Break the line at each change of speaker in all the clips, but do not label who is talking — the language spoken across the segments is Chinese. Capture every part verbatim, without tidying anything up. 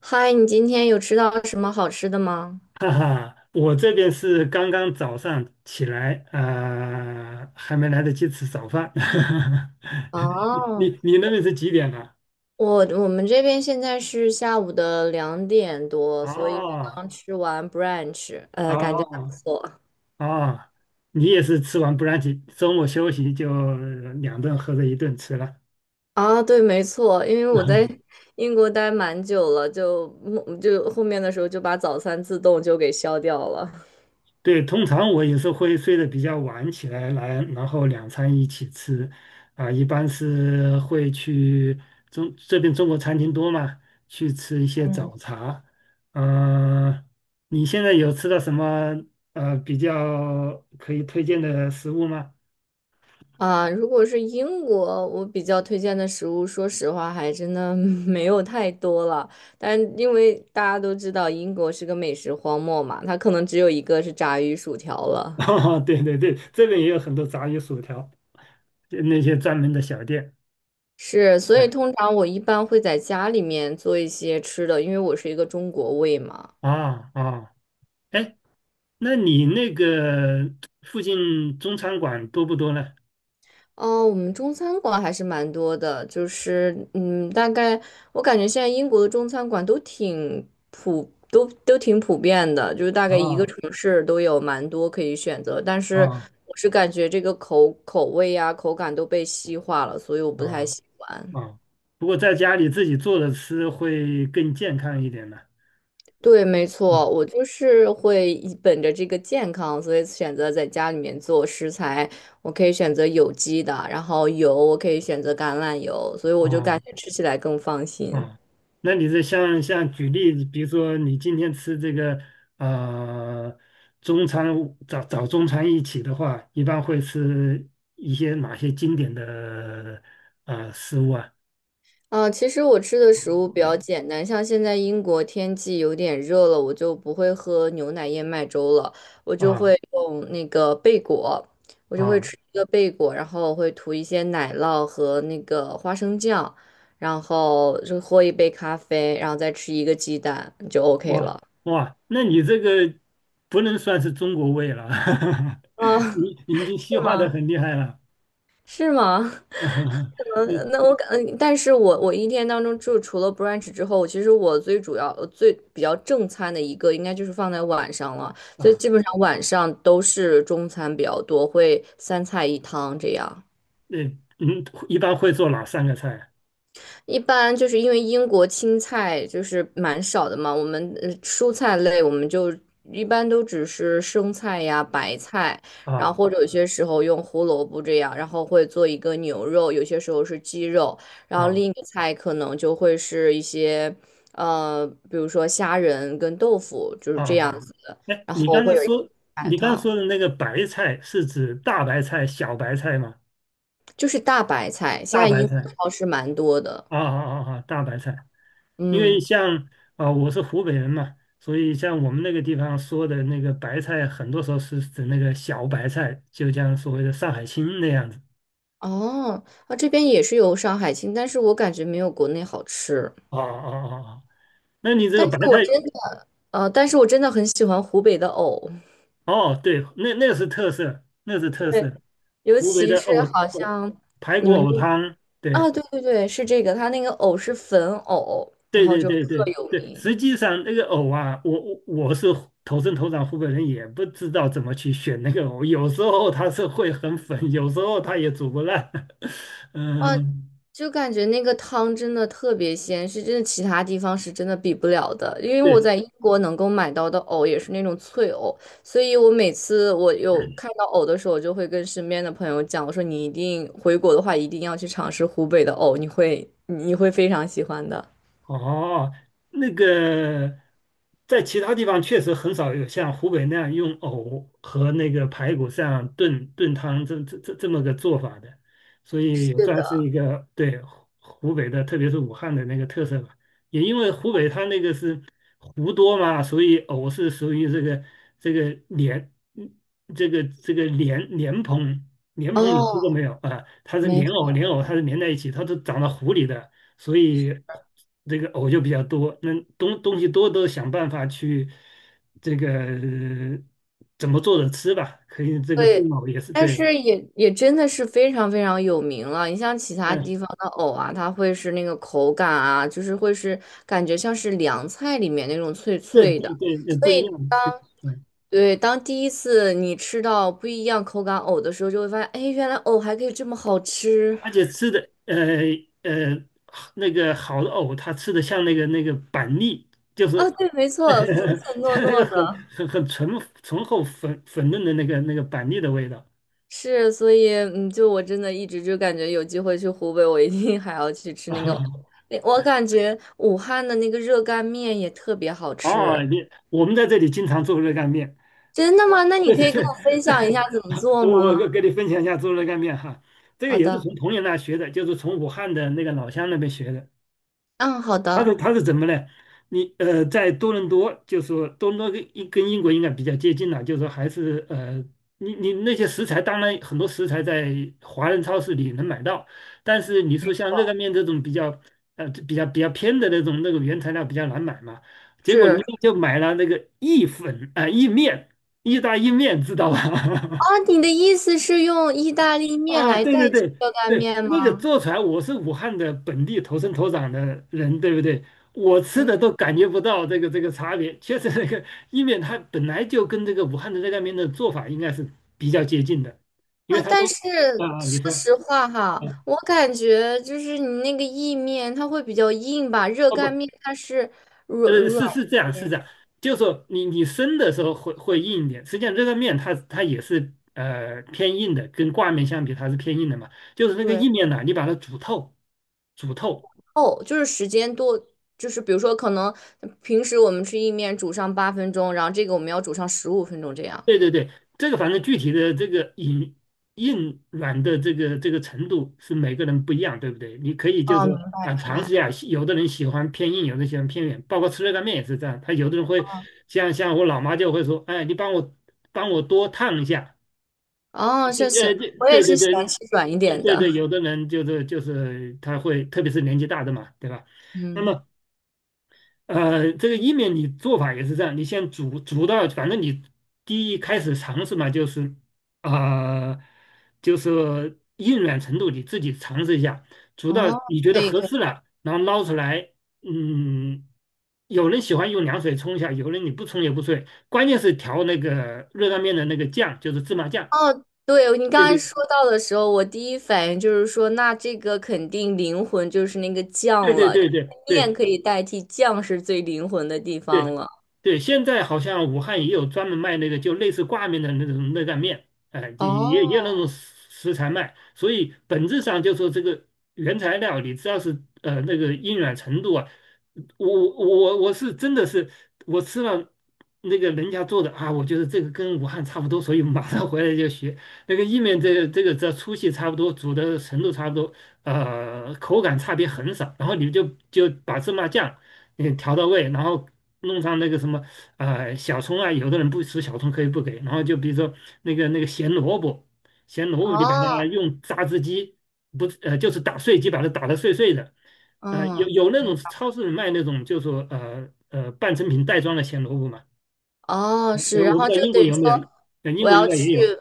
嗨，你今天有吃到什么好吃的吗？
哈哈，我这边是刚刚早上起来，呃，还没来得及吃早饭。你
哦，
你你那边是几点了？
我我们这边现在是下午的两点多，所以我
哦
刚吃完 brunch，呃，感觉还不
哦
错。
哦，你也是吃完不让起，周末休息就两顿合着一顿吃了。
啊，对，没错，因为我在 英国待蛮久了，就就后面的时候就把早餐自动就给消掉了。
对，通常我也是会睡得比较晚起来，来，然后两餐一起吃，啊，一般是会去中这边中国餐厅多嘛，去吃一些早茶。呃，你现在有吃到什么呃比较可以推荐的食物吗？
啊，如果是英国，我比较推荐的食物，说实话还真的 没有太多了。但因为大家都知道英国是个美食荒漠嘛，它可能只有一个是炸鱼薯条 了。
哦，对对对，这边也有很多炸鱼薯条，就那些专门的小店。
是，所
哎
以通常我一般会在家里面做一些吃的，因为我是一个中国胃嘛。
啊啊，哎，那你那个附近中餐馆多不多呢？
哦，我们中餐馆还是蛮多的，就是嗯，大概我感觉现在英国的中餐馆都挺普，都都挺普遍的，就是大概一个
啊
城市都有蛮多可以选择。但是
啊
我是感觉这个口口味呀、口感都被西化了，所以我
啊
不太喜欢。
啊！不过在家里自己做着吃会更健康一点的。
对，没
嗯
错，我就是会以本着这个健康，所以选择在家里面做食材。我可以选择有机的，然后油我可以选择橄榄油，所以我就感
啊
觉吃起来更放心。
啊，那你这像像举例子，比如说你今天吃这个呃中餐早早中餐一起的话，一般会吃一些哪些经典的呃食物啊？
嗯其实我吃的食物比较简单，像现在英国天气有点热了，我就不会喝牛奶燕麦粥了，我就
啊
会用那个贝果，我就会
啊
吃一个贝果，然后会涂一些奶酪和那个花生酱，然后就喝一杯咖啡，然后再吃一个鸡蛋就 OK
哇
了。
哇，那你这个不能算是中国味了。
啊，
你你已经西
是
化的
吗？
很厉害了。
是吗？嗯，
你
那我感，嗯但是我我一天当中就除了 brunch 之后，我其实我最主要呃最比较正餐的一个应该就是放在晚上了，所以
啊，
基本上晚上都是中餐比较多，会三菜一汤这样。
那嗯，一般会做哪三个菜
一般就是因为英国青菜就是蛮少的嘛，我们呃蔬菜类我们就一般都只是生菜呀、白菜，然后
啊？
或者有些时候用胡萝卜这样，然后会做一个牛肉，有些时候是鸡肉，然后另一
啊
个菜可能就会是一些呃，比如说虾仁跟豆腐就是
啊
这样
啊！
子的，
哎，
然
你
后
刚才
会有一个
说
白
你刚才
汤，
说的那个白菜是指大白菜、小白菜吗？
就是大白菜，现
大
在
白
英国
菜
超市蛮多的，
啊啊啊啊！大白菜，因为
嗯。
像啊，我是湖北人嘛，所以像我们那个地方说的那个白菜，很多时候是指那个小白菜，就像所谓的上海青那样子。
哦，啊，这边也是有上海青，但是我感觉没有国内好吃。
啊啊啊啊！那你这
但
个
是
白菜？
我真的，呃，但是我真的很喜欢湖北的藕，
哦，对，那那个是特色，那是特色，
尤
湖北
其
的
是
藕
好
藕
像
排
你
骨
们
藕
那
汤。对
啊，对对对，是这个，它那个藕是粉藕，然
对
后
对
就
对
特
对
有
对，
名。
实际上那个藕啊，我我我是土生土长湖北人，也不知道怎么去选那个藕，有时候它是会很粉，有时候它也煮不烂。
哇。
嗯，
就感觉那个汤真的特别鲜，是真的其他地方是真的比不了的。因为我
对，
在英国能够买到的藕也是那种脆藕，所以我每次我有看到藕的时候，我就会跟身边的朋友讲，我说你一定回国的话，一定要去尝试湖北的藕，你会你会非常喜欢的。
哦，那个在其他地方确实很少有像湖北那样用藕和那个排骨这样炖炖汤这这这这么个做法的，所以也算是一个对湖湖北的，特别是武汉的那个特色吧。也因为湖北它那个是湖多嘛，所以藕是属于这个这个莲，嗯这个这个莲莲蓬莲蓬你吃过
哦，
没有啊？它是
没
莲藕莲藕它是连在一起，它都长到湖里的。所以这个藕就比较多，那东东西多都想办法去这个呃怎么做着吃吧，可以这个
对，
炖藕也是
但
对。
是也也真的是非常非常有名了。你像其他
嗯、
地方的藕啊，它会是那个口感啊，就是会是感觉像是凉菜里面那种脆
对
脆的。
对对，呃
所
不一
以
样，对。
当
嗯，
对当第一次你吃到不一样口感藕的时候，就会发现，哎，原来藕还可以这么好吃
而且吃的呃呃那个好的藕，它吃的像那个那个板栗，就
啊！
是
对，没错，粉 粉糯
像那个
糯
很
的。
很很醇醇厚粉粉嫩的那个那个板栗的味道
是，所以嗯，就我真的一直就感觉有机会去湖北，我一定还要去吃
啊。
那个。那我感觉武汉的那个热干面也特别好
哦，
吃。
你我们在这里经常做热干面。
真的吗？那 你
对
可
对
以跟
对，
我分享
在
一下怎么 做
我我
吗？
跟跟你分享一下猪肉干面哈，这个
好
也是
的，
从朋友那学的，就是从武汉的那个老乡那边学的。
嗯，好
他
的，
是他是怎么呢？你呃，在多伦多，就说多伦多跟英跟英国应该比较接近了，就是说还是呃，你你那些食材，当然很多食材在华人超市里能买到，但是你说像热干面这种比较呃比较比较偏的那种那个原材料比较难买嘛，结果人
是
家就买了那个意粉啊、呃、意面，意大意面，知道吧？
啊，你的意思是用意大利面
啊，
来
对对
代替
对
热干
对，
面
那个
吗？
做出来，我是武汉的本地土生土长的人，对不对？我吃
嗯
的都感觉不到这个这个差别，确实那个意面它本来就跟这个武汉的热干面的做法应该是比较接近的，因
啊，
为它都
但是
啊，啊你
说
说
实话哈，
啊，
我感觉就是你那个意面它会比较硬吧，热
哦
干
不，
面它是软
呃
软
是是这样
一
是
些。
这样，就是说你你生的时候会会硬一点，实际上热干面它它也是呃偏硬的，跟挂面相比它是偏硬的嘛，就是那个
对。
意面呢，你把它煮透。煮透，
哦，就是时间多，就是比如说可能平时我们吃意面煮上八分钟，然后这个我们要煮上十五分钟这样。
对对对，这个反正具体的这个硬硬软的这个这个程度是每个人不一样，对不对？你可以就是
哦，明
说啊，
白明
尝
白。
试一下，有的人喜欢偏硬，有的人喜欢偏软，包括吃热干面也是这样。他有的人会像像我老妈就会说，哎，你帮我帮我多烫一下。
哦，谢谢。
呃，
我也
对对
是喜欢
对
吃软一
对
点
对
的。
对，有的人就是就是他会，特别是年纪大的嘛，对吧？那
嗯，
么呃，这个意面你做法也是这样，你先煮煮到，反正你第一开始尝试嘛，就是呃，就是硬软程度你自己尝试一下，煮到
哦，
你觉
可
得
以
合
可以。
适了，然后捞出来。嗯，有人喜欢用凉水冲一下，有人你不冲也不对，关键是调那个热干面的那个酱，就是芝麻酱。
哦，对，你
对
刚才
对
说到的时候，我第一反应就是说，那这个肯定灵魂就是那个
对
酱
对
了，因
对对
为面
对，
可以代替酱是最灵魂的地
对
方了。
对，现在好像武汉也有专门卖那个就类似挂面的那种热干面，哎，就
哦
也也有那种食食材卖，所以本质上就说这个原材料，你只要是呃那个硬软程度啊，我我我是真的是我吃了那个人家做的啊，我觉得这个跟武汉差不多，所以马上回来就学那个意面，这个这个只要粗细差不多，煮的程度差不多，呃，口感差别很少，然后你就就把芝麻酱。嗯，调到位，然后弄上那个什么啊、小葱啊，有的人不吃小葱可以不给，然后就比如说那个那个咸萝卜，咸萝卜你把它
哦，
用榨汁机不是呃就是打碎机把它打得碎碎的，呃有
嗯。
有那种超市里卖那种就说呃呃半成品袋装的咸萝卜嘛。
哦，
呃
是，然
我不
后
知道
就
英
等
国
于
有没
说
有，呃英
我
国应
要
该也
去，
有，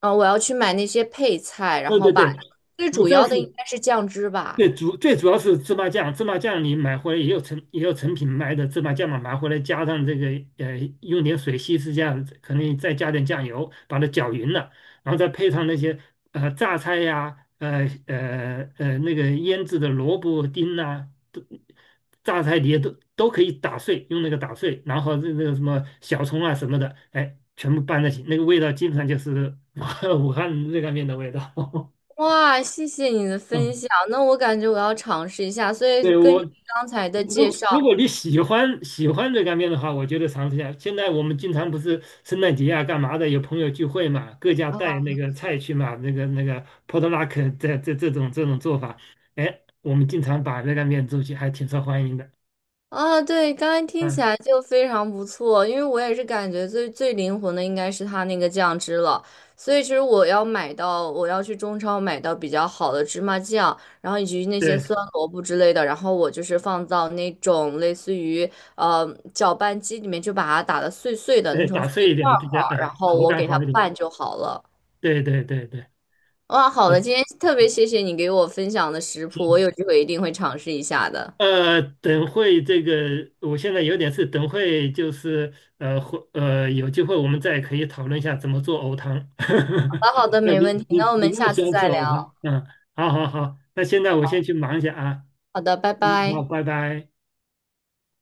呃，我要去买那些配菜，然
对
后
对
把
对，
最
你
主
知道
要
是
的应该是酱汁吧。
最主最主要是芝麻酱。芝麻酱你买回来也有成也有成品卖的芝麻酱嘛，买回来加上这个呃，用点水稀释下，可能再加点酱油，把它搅匀了，然后再配上那些呃榨菜呀、呃呃呃那个腌制的萝卜丁呐、都榨菜碟都都可以打碎，用那个打碎，然后那个什么小葱啊什么的，哎，全部拌在一起，那个味道基本上就是 武汉热干面的味道。
哇，谢谢你的分
嗯，
享，那我感觉我要尝试一下。所以
对，
根
我
据刚才的介
如
绍，
如果你喜欢喜欢热干面的话，我觉得尝试一下。现在我们经常不是圣诞节啊，干嘛的，有朋友聚会嘛，各家带那个菜去嘛，那个那个 p o t l u c 这这这种这种做法，哎，我们经常把热干面做起，还挺受欢迎的。
啊，对，刚刚听起
嗯，
来就非常不错，因为我也是感觉最最灵魂的应该是它那个酱汁了，所以其实我要买到，我要去中超买到比较好的芝麻酱，然后以及那些
对。
酸萝卜之类的，然后我就是放到那种类似于呃搅拌机里面，就把它打的碎碎的，弄
对，
成
打
碎
碎一点
块
的
儿
比
块
较，
儿，然
呃，
后
口
我
感
给它
好一点。
拌就好了。
对对对对
哇，好的，
对。
今天特别谢谢你给我分享的食谱，我有机会一定会尝试一下的。
呃，等会这个，我现在有点事，等会就是呃，会呃，有机会我们再可以讨论一下怎么做藕汤。
好 的，好的，
呃
没
你
问题，
你
那我
你
们
那么
下
喜
次
欢吃
再
藕
聊。
汤。嗯，好好好，那现在我先去忙一下啊。
好的，拜
嗯，好，
拜。
拜拜。